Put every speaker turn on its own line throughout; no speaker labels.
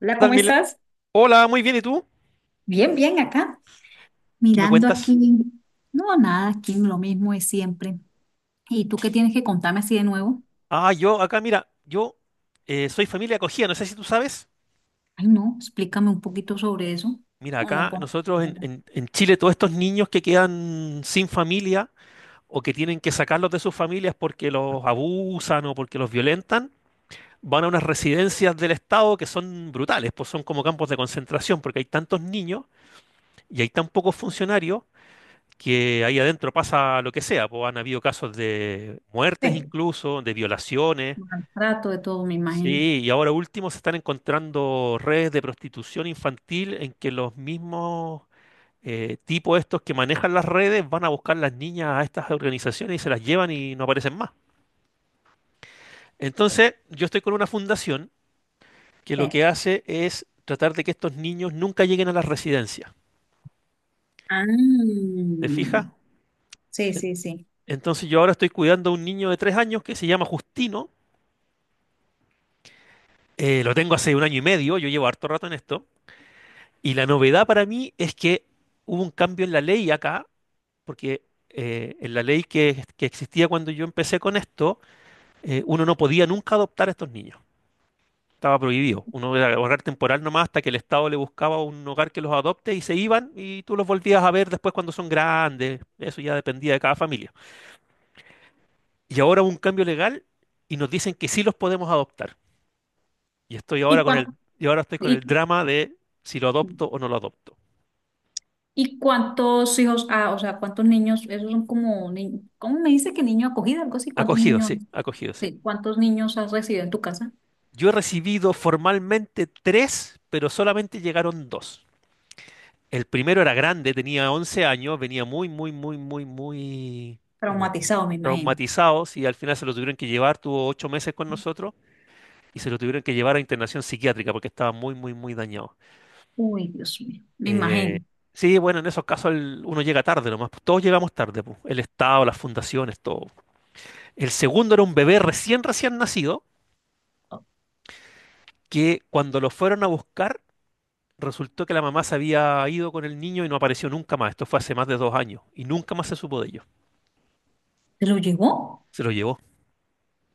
Hola,
Tal,
¿cómo
Mile?
estás?
Hola, muy bien, ¿y tú?
Bien, bien, acá,
¿Qué me
mirando
cuentas?
aquí. No, nada, aquí lo mismo es siempre. ¿Y tú qué tienes que contarme así de nuevo?
Ah, yo acá, mira, yo soy familia acogida, no sé si tú sabes.
Ay, no, explícame un poquito sobre eso.
Mira,
No, no,
acá
con...
nosotros en Chile, todos estos niños que quedan sin familia o que tienen que sacarlos de sus familias porque los abusan o porque los violentan, van a unas residencias del Estado que son brutales, pues son como campos de concentración porque hay tantos niños y hay tan pocos funcionarios que ahí adentro pasa lo que sea, pues han habido casos de muertes
Sí,
incluso, de violaciones.
maltrato de todo, me imagino.
Sí, y ahora último se están encontrando redes de prostitución infantil en que los mismos tipos estos que manejan las redes van a buscar las niñas a estas organizaciones y se las llevan y no aparecen más. Entonces, yo estoy con una fundación que lo
Sí.
que hace es tratar de que estos niños nunca lleguen a las residencias.
Ah,
¿Te fijas?
sí,
En-
sí, sí.
Entonces yo ahora estoy cuidando a un niño de 3 años que se llama Justino. Lo tengo hace un año y medio, yo llevo harto rato en esto. Y la novedad para mí es que hubo un cambio en la ley acá porque en la ley que existía cuando yo empecé con esto, uno no podía nunca adoptar a estos niños. Estaba prohibido. Uno era hogar temporal nomás hasta que el Estado le buscaba un hogar que los adopte y se iban y tú los volvías a ver después cuando son grandes. Eso ya dependía de cada familia. Y ahora hubo un cambio legal y nos dicen que sí los podemos adoptar. Y estoy
¿Y
ahora con el,
cuánto,
y ahora estoy con el
y,
drama de si lo adopto o no lo adopto.
y cuántos hijos, ah, o sea, cuántos niños, esos son como, ¿cómo me dice que niño acogido, algo así? ¿Cuántos
Acogido,
niños,
sí, acogido, sí.
sí, cuántos niños has recibido en tu casa?
Yo he recibido formalmente tres, pero solamente llegaron dos. El primero era grande, tenía 11 años, venía muy, muy, muy, muy, muy eh,
Traumatizado, me imagino.
traumatizado y al final se lo tuvieron que llevar, tuvo 8 meses con nosotros y se lo tuvieron que llevar a internación psiquiátrica porque estaba muy, muy, muy dañado.
Uy, Dios mío, me
Eh,
imagino.
sí, bueno, en esos casos uno llega tarde nomás, pues, todos llegamos tarde, pues, el Estado, las fundaciones, todo. El segundo era un bebé recién nacido que cuando lo fueron a buscar. Resultó que la mamá se había ido con el niño y no apareció nunca más. Esto fue hace más de 2 años y nunca más se supo de ellos.
¿Se lo llevó?
Se lo llevó.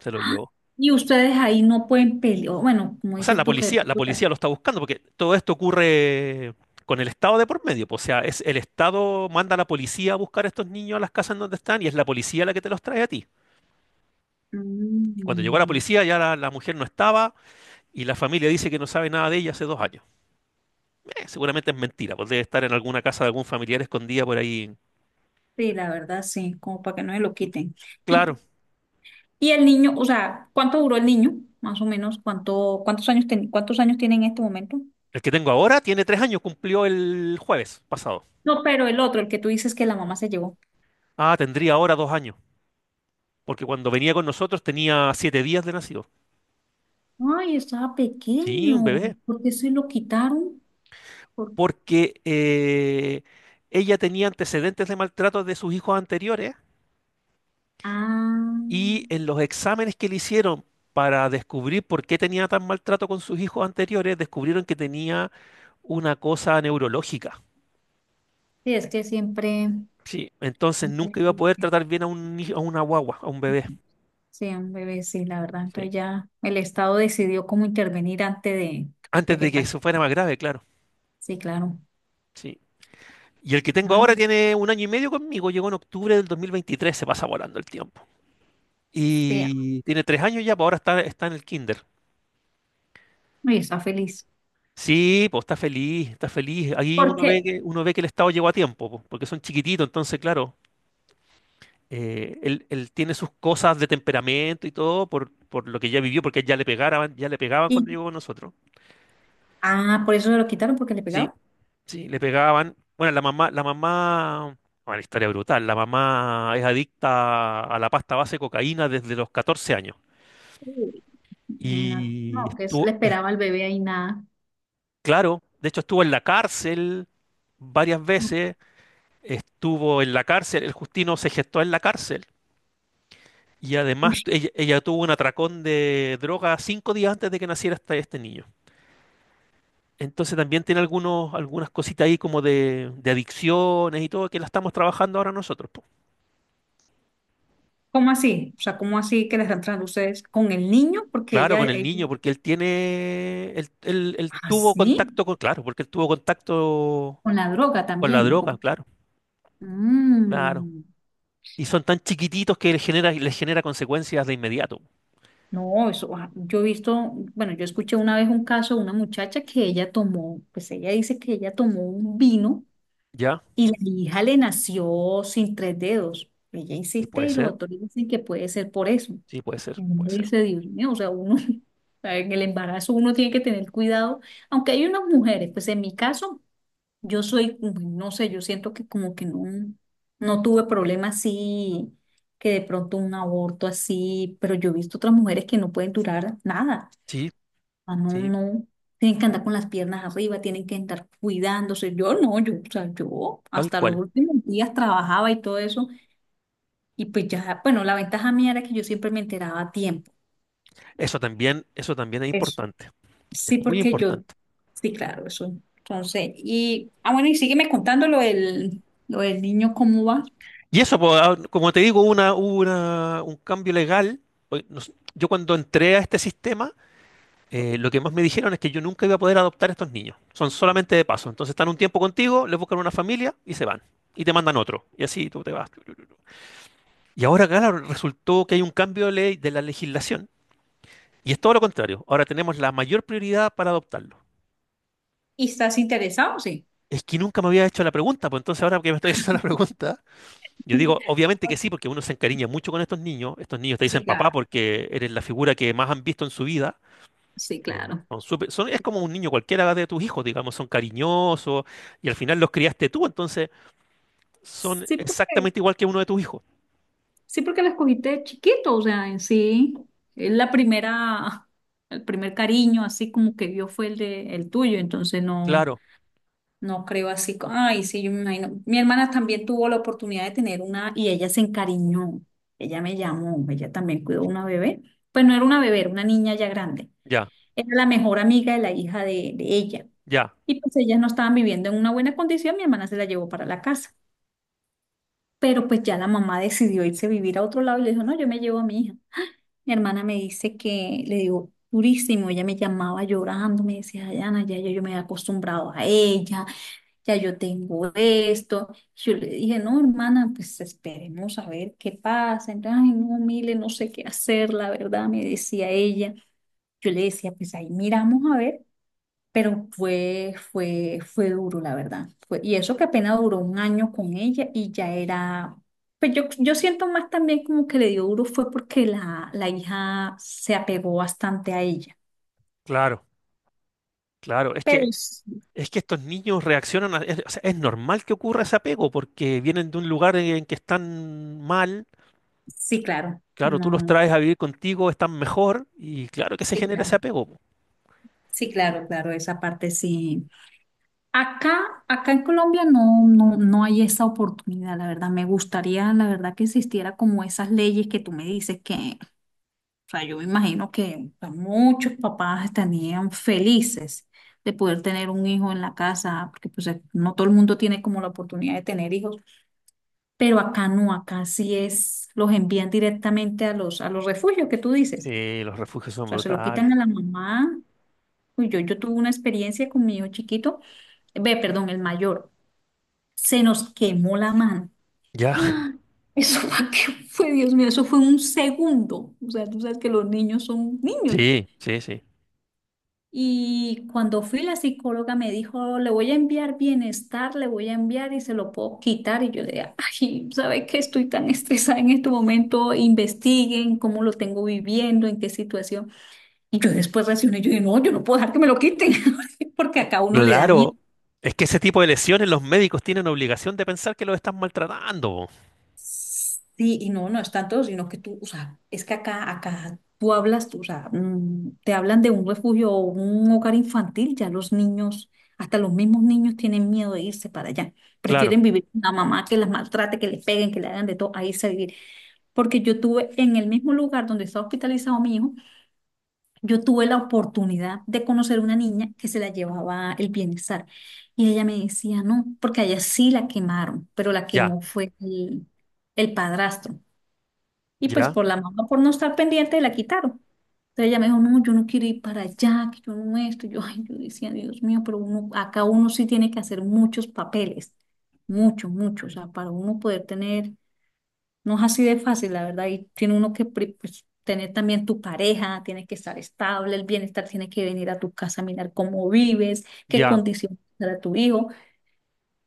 Se lo llevó.
Y ustedes ahí no pueden pelear. Bueno, como
O sea,
dices
la
tú que... de
policía, la
pronto
policía lo está buscando porque todo esto ocurre con el Estado de por medio, po. O sea, es el Estado manda a la policía a buscar a estos niños a las casas en donde están y es la policía la que te los trae a ti. Y cuando llegó la
Mm,
policía ya la mujer no estaba y la familia dice que no sabe nada de ella hace 2 años. Seguramente es mentira, pues debe estar en alguna casa de algún familiar escondida por ahí.
sí, la verdad, sí, como para que no se lo quiten.
Claro,
Y, y el niño, o sea, ¿cuánto duró el niño? Más o menos, ¿cuánto, cuántos años tiene en este momento?
el que tengo ahora tiene 3 años, cumplió el jueves pasado.
No, pero el otro, el que tú dices que la mamá se llevó.
Ah, tendría ahora 2 años, porque cuando venía con nosotros tenía 7 días de nacido.
Ay, estaba
Sí, un
pequeño.
bebé.
¿Por qué se lo quitaron? Por-
Porque ella tenía antecedentes de maltrato de sus hijos anteriores
Ah,
y en los exámenes que le hicieron para descubrir por qué tenía tan maltrato con sus hijos anteriores, descubrieron que tenía una cosa neurológica.
sí, es que siempre...
Sí, entonces nunca iba a poder
siempre-
tratar bien a un, ni- a una guagua, a un bebé.
Sí, un bebé sí, la verdad.
Sí.
Entonces ya el Estado decidió cómo intervenir antes de
Antes
que
de que
pase.
eso fuera más grave, claro.
Sí, claro.
Sí. Y el que tengo
Ajá.
ahora tiene un año y medio conmigo, llegó en octubre del 2023, se pasa volando el tiempo.
Sí.
Y tiene 3 años ya, pues ahora está en el kinder.
Y está feliz.
Sí, pues está feliz, está feliz. Ahí
¿Por qué?
uno ve que el Estado llegó a tiempo, pues, porque son chiquititos, entonces, claro, él tiene sus cosas de temperamento y todo por lo que ya vivió, porque ya le pegaban
Y,
cuando llegó con nosotros.
ah, por eso se lo quitaron, porque le
Sí,
pegaba.
sí, le pegaban. Bueno, la mamá, una historia brutal. La mamá es adicta a la pasta base de cocaína desde los 14 años.
Uy, imagínate.
Y
No, que le
estuvo, es-
esperaba al bebé ahí nada.
claro, de hecho estuvo en la cárcel varias veces. Estuvo en la cárcel, el Justino se gestó en la cárcel y además
Uy,
ella, ella tuvo un atracón de droga 5 días antes de que naciera este niño. Entonces también tiene algunos, algunas cositas ahí como de adicciones y todo que la estamos trabajando ahora nosotros, po.
¿cómo así? O sea, ¿cómo así que le están tratando ustedes con el niño? Porque
Claro,
ella,
con el
ella,
niño, porque él tiene, él- él
ah,
tuvo
sí,
contacto con, claro, porque él tuvo contacto
con la droga
con la
también.
droga, claro, claro.
Mm.
Y son tan chiquititos que les genera consecuencias de inmediato.
No, eso, ah, yo he visto, bueno, yo escuché una vez un caso de una muchacha que ella tomó, pues ella dice que ella tomó un vino
¿Ya?
y la hija le nació sin tres dedos. Ella
Y
insiste
puede
y los
ser,
doctores dicen que puede ser por eso.
sí, puede ser,
Y uno
puede ser.
dice, Dios mío, o sea, uno, o sea, en el embarazo uno tiene que tener cuidado, aunque hay unas mujeres, pues en mi caso yo soy, no sé, yo siento que como que no, no tuve problemas así, que de pronto un aborto así, pero yo he visto otras mujeres que no pueden durar nada.
Sí,
Ah, no,
sí.
no. Tienen que andar con las piernas arriba, tienen que andar cuidándose. Yo no, yo, o sea, yo
Tal
hasta los
cual.
últimos días trabajaba y todo eso. Y pues ya, bueno, la ventaja mía era que yo siempre me enteraba a tiempo.
Eso también es
Eso.
importante. Es
Sí,
muy
porque yo,
importante.
sí, claro, eso. Entonces, y, ah, bueno, y sígueme contando lo del niño, ¿cómo va?
Y eso, po, ah, como te digo, hubo un cambio legal. Yo cuando entré a este sistema, lo que más me dijeron es que yo nunca iba a poder adoptar a estos niños. Son solamente de paso. Entonces están un tiempo contigo, les buscan una familia y se van. Y te mandan otro. Y así tú te vas. Y ahora, claro, resultó que hay un cambio de ley de la legislación. Y es todo lo contrario. Ahora tenemos la mayor prioridad para adoptarlos.
¿Y estás interesado? Sí.
Es que nunca me había hecho la pregunta, pues entonces ahora que me estoy haciendo la pregunta, yo digo, obviamente que sí, porque uno se encariña mucho con estos niños. Estos niños te dicen
Sí,
papá
claro.
porque eres la figura que más han visto en su vida.
Sí, claro.
Es
Sí,
como un niño cualquiera de tus hijos, digamos, son cariñosos y al final los criaste tú, entonces son
Sí, porque,
exactamente igual que uno de tus hijos.
sí, porque la escogiste de chiquito, o sea, en sí, es la primera, el primer cariño, así como que vio fue el de el tuyo, entonces no,
Claro,
no creo así, ay, sí, yo me imagino. Mi hermana también tuvo la oportunidad de tener una y ella se encariñó, ella me llamó, ella también cuidó una bebé, pues no era una bebé, era una niña ya grande,
ya,
era la mejor amiga de la hija de ella.
ya,
Y pues ellas no estaban viviendo en una buena condición, mi hermana se la llevó para la casa. Pero pues ya la mamá decidió irse a vivir a otro lado y le dijo, no, yo me llevo a mi hija. Mi hermana me dice que le dio durísimo, ella me llamaba llorando, me decía, Dayana, ya, ya yo me he acostumbrado a ella, ya yo tengo esto. Yo le dije, no, hermana, pues esperemos a ver qué pasa. Entonces, ay, no, Mile, no sé qué hacer, la verdad, me decía ella. Yo le decía, pues ahí miramos a ver. Pero fue duro, la verdad. Y eso que apenas duró un año con ella y ya era, pues yo siento más también como que le dio duro fue porque la hija se apegó bastante a ella.
claro, claro. Es
Pero
que,
sí,
es que estos niños reaccionan, o sea, es normal que ocurra ese apego porque vienen de un lugar en que están mal.
sí, claro,
Claro, tú los
no,
traes a vivir contigo, están mejor y claro que se
sí,
genera ese
claro,
apego.
sí, claro, claro, esa parte sí. Acá en Colombia no, no, no hay esa oportunidad, la verdad. Me gustaría, la verdad, que existiera como esas leyes que tú me dices que... O sea, yo me imagino que pues, muchos papás estarían felices de poder tener un hijo en la casa, porque pues no todo el mundo tiene como la oportunidad de tener hijos, pero acá no, acá sí es, los envían directamente a los refugios que tú dices.
Sí, los refugios
O
son
sea, se lo
brutales.
quitan a la mamá. Uy, yo tuve una experiencia con mi hijo chiquito, ve, perdón, el mayor, se nos quemó la mano.
Ya,
¡Ah! Eso fue, que fue, Dios mío, eso fue un segundo. O sea, tú sabes que los niños son niños.
sí, sí, sí.
Y cuando fui la psicóloga me dijo, le voy a enviar bienestar, le voy a enviar y se lo puedo quitar. Y yo le dije, ay, ¿sabes qué? Estoy tan estresada en este momento, investiguen cómo lo tengo viviendo, en qué situación. Y yo después reaccioné, yo dije, no, yo no puedo dejar que me lo quiten, porque acá a uno le da miedo.
Claro, es que ese tipo de lesiones los médicos tienen obligación de pensar que los están maltratando, po.
Sí, y no, no están todos, sino que tú, o sea, es que acá tú hablas, tú, o sea, te hablan de un refugio o un hogar infantil, ya los niños, hasta los mismos niños tienen miedo de irse para allá.
Claro,
Prefieren vivir con una mamá que las maltrate, que les peguen, que le hagan de todo, a irse a vivir. Porque yo tuve en el mismo lugar donde está hospitalizado mi hijo, yo tuve la oportunidad de conocer una niña que se la llevaba el bienestar. Y ella me decía, no, porque allá sí la quemaron, pero la
ya,
quemó fue el padrastro. Y pues
ya,
por la mamá, por no estar pendiente, la quitaron. Entonces ella me dijo, no, yo no quiero ir para allá, que yo no esto. Yo, ay, yo decía, Dios mío, pero uno, acá uno sí tiene que hacer muchos papeles, muchos, muchos. O sea, para uno poder tener, no es así de fácil, la verdad, y tiene uno que pues, tener también tu pareja, tiene que estar estable, el bienestar tiene que venir a tu casa a mirar cómo vives, qué
ya.
condiciones para tu hijo.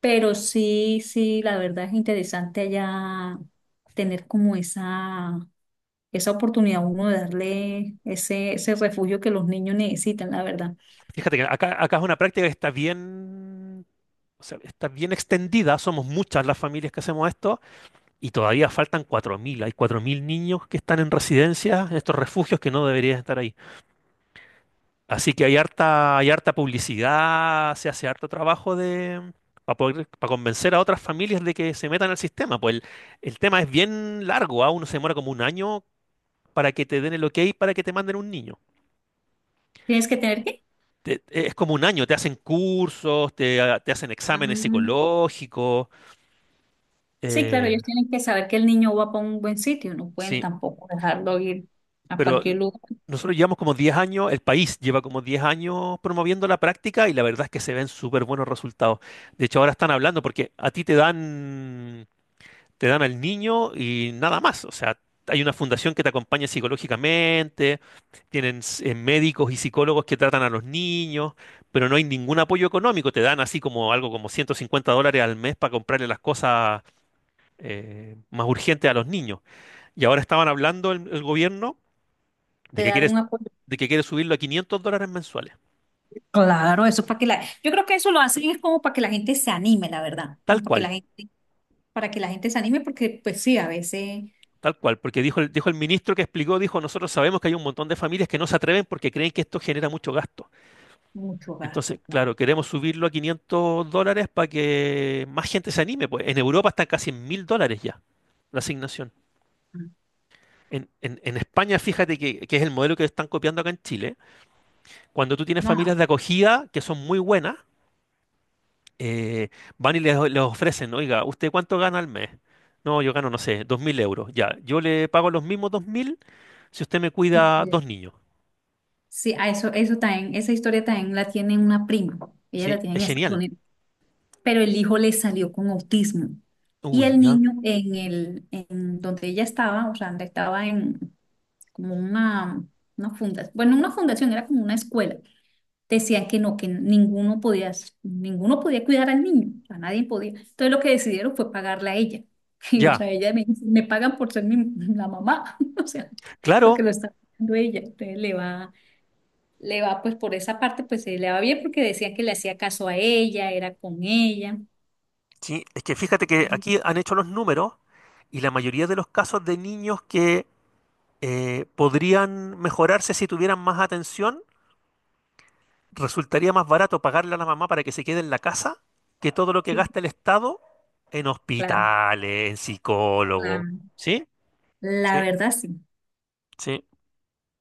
Pero sí, sí, la verdad es interesante allá tener como esa oportunidad a uno de darle ese refugio que los niños necesitan, la verdad.
Fíjate que acá es una práctica que está bien, o sea, está bien extendida. Somos muchas las familias que hacemos esto y todavía faltan 4000. Hay 4000 niños que están en residencias, en estos refugios que no deberían estar ahí. Así que hay harta publicidad, se hace harto trabajo de, para poder, para convencer a otras familias de que se metan al sistema. Pues el tema es bien largo, ¿ah? Uno se demora como un año para que te den el ok para que te manden un niño.
Tienes que tener que...
Es como un año, te hacen cursos, te, te hacen exámenes
Mm.
psicológicos.
Sí, claro,
eh,
ellos tienen que saber que el niño va para un buen sitio, no pueden
sí,
tampoco dejarlo ir a
pero
cualquier lugar,
nosotros llevamos como 10 años, el país lleva como 10 años promoviendo la práctica y la verdad es que se ven súper buenos resultados. De hecho, ahora están hablando porque a ti te dan al niño y nada más. O sea, hay una fundación que te acompaña psicológicamente, tienen médicos y psicólogos que tratan a los niños, pero no hay ningún apoyo económico. Te dan así como algo como $150 al mes para comprarle las cosas más urgentes a los niños. Y ahora estaban hablando el gobierno de
de
que
dar
quieres,
un apoyo.
de que quiere subirlo a $500 mensuales.
Claro, eso es para que la, yo creo que eso lo hacen es como para que la gente se anime, la verdad,
Tal
como para que
cual.
la gente, para que la gente se anime, porque pues sí, a veces
Tal cual, porque dijo el ministro que explicó, dijo, nosotros sabemos que hay un montón de familias que no se atreven porque creen que esto genera mucho gasto.
mucho gasto,
Entonces,
claro.
claro, queremos subirlo a $500 para que más gente se anime. Pues en Europa están casi en 1000 dólares ya la asignación.
No,
En España, fíjate que es el modelo que están copiando acá en Chile. Cuando tú tienes familias
no,
de acogida que son muy buenas, eh, van y les ofrecen, oiga, ¿usted cuánto gana al mes? No, yo gano, no sé, 2000 euros. Ya, yo le pago los mismos 2000 si usted me
y
cuida 2 niños.
sí, a eso, eso también, esa historia también la tiene una prima, ella la
¿Sí?
tiene en
Es
Estados
genial.
Unidos. Pero el hijo le salió con autismo. Y
Uy,
el
ya.
niño en el, en donde ella estaba, o sea, donde estaba en como una fundación, bueno, una fundación, era como una escuela. Decían que no, que ninguno podía cuidar al niño, o sea, nadie podía. Entonces lo que decidieron fue pagarle a ella. Y, o
Ya.
sea, ella me dice, me pagan por ser mi, la mamá, o sea, porque
Claro,
lo está pagando ella. Entonces le va, pues por esa parte, pues le va bien porque decían que le hacía caso a ella, era con ella.
sí, es que fíjate que aquí han hecho los números y la mayoría de los casos de niños que podrían mejorarse si tuvieran más atención, resultaría más barato pagarle a la mamá para que se quede en la casa que todo lo que gasta el Estado en
Claro,
hospitales, en psicólogos.
claro.
¿Sí?
La
Sí,
verdad sí,
sí.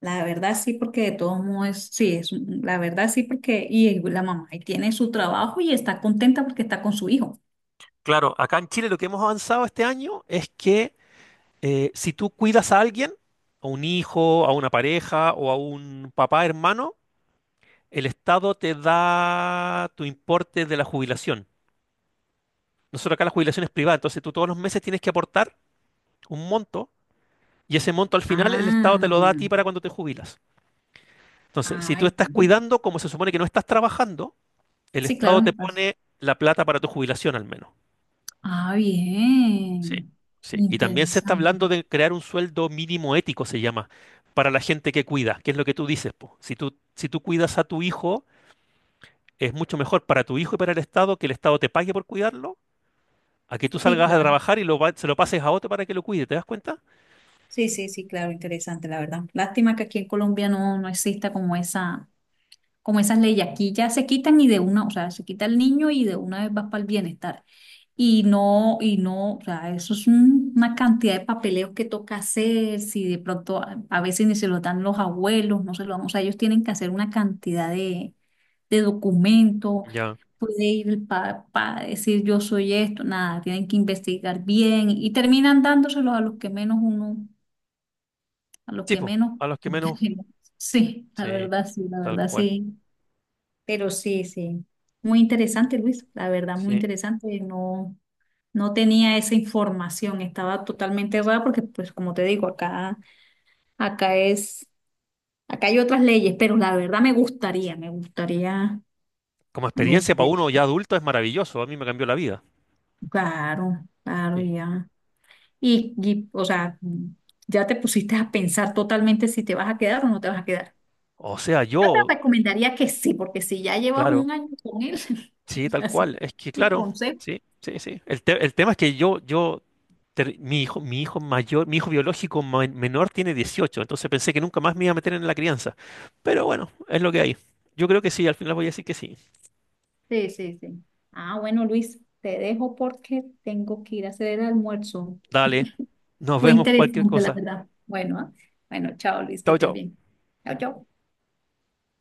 la verdad sí, porque de todos modos, sí, es, la verdad sí, porque y la mamá y tiene su trabajo y está contenta porque está con su hijo.
Claro, acá en Chile lo que hemos avanzado este año es que si tú cuidas a alguien, a un hijo, a una pareja o a un papá, hermano, el Estado te da tu importe de la jubilación. Nosotros acá la jubilación es privada, entonces tú todos los meses tienes que aportar un monto y ese monto al final el Estado te lo da a
Ah,
ti para cuando te jubilas. Entonces, si tú
ay,
estás cuidando, como se supone que no estás trabajando, el
sí,
Estado
claro.
te pone la plata para tu jubilación al menos.
Ah,
Sí.
bien,
Sí. Y también se está hablando
interesante.
de crear un sueldo mínimo ético, se llama, para la gente que cuida, que es lo que tú dices, po. Si tú, si tú cuidas a tu hijo, es mucho mejor para tu hijo y para el Estado que el Estado te pague por cuidarlo a que tú
Sí,
salgas a
claro.
trabajar y lo, se lo pases a otro para que lo cuide, ¿te das cuenta?
Sí, sí, sí, claro, interesante, la verdad. Lástima que aquí en Colombia no, no exista como esa, como esas leyes. Aquí ya se quitan y de una, o sea, se quita el niño y de una vez vas para el bienestar. Y no, o sea, eso es una cantidad de papeleos que toca hacer, si de pronto a veces ni se lo dan los abuelos, no se lo dan, o sea, ellos tienen que hacer una cantidad de documentos,
Ya.
puede ir el papá, decir yo soy esto, nada, tienen que investigar bien y terminan dándoselos a los que menos uno, a los
Sí,
que
po,
menos,
a los que menos,
sí, la
sí,
verdad, sí, la
tal
verdad,
cual.
sí, pero sí, sí, muy interesante, Luis, la verdad, muy
Sí.
interesante, no. No tenía esa información, estaba totalmente errada porque, pues, como te digo, acá es, acá hay otras leyes, pero la verdad me gustaría, me gustaría,
Como
me
experiencia para
gustaría.
uno ya adulto es maravilloso, a mí me cambió la vida.
Claro, claro,
Sí.
ya. Y, o sea, ya te pusiste a pensar totalmente si te vas a quedar o no te vas a quedar.
O sea,
Yo
yo,
te recomendaría que sí, porque si ya llevas
claro,
un año con él,
sí,
o
tal
sea, sí,
cual. Es que,
y
claro,
consejo.
sí, sí, sí. El tema es que yo, mi hijo biológico menor tiene 18, entonces pensé que nunca más me iba a meter en la crianza. Pero bueno, es lo que hay. Yo creo que sí, al final voy a decir que sí.
Sí, sí, sí. Ah, bueno, Luis, te dejo porque tengo que ir a hacer el almuerzo.
Dale, nos
Fue
vemos cualquier
interesante, la
cosa.
verdad. Bueno, Bueno, chao Luis, que
Chao,
estés
chao.
bien. Chao, chao.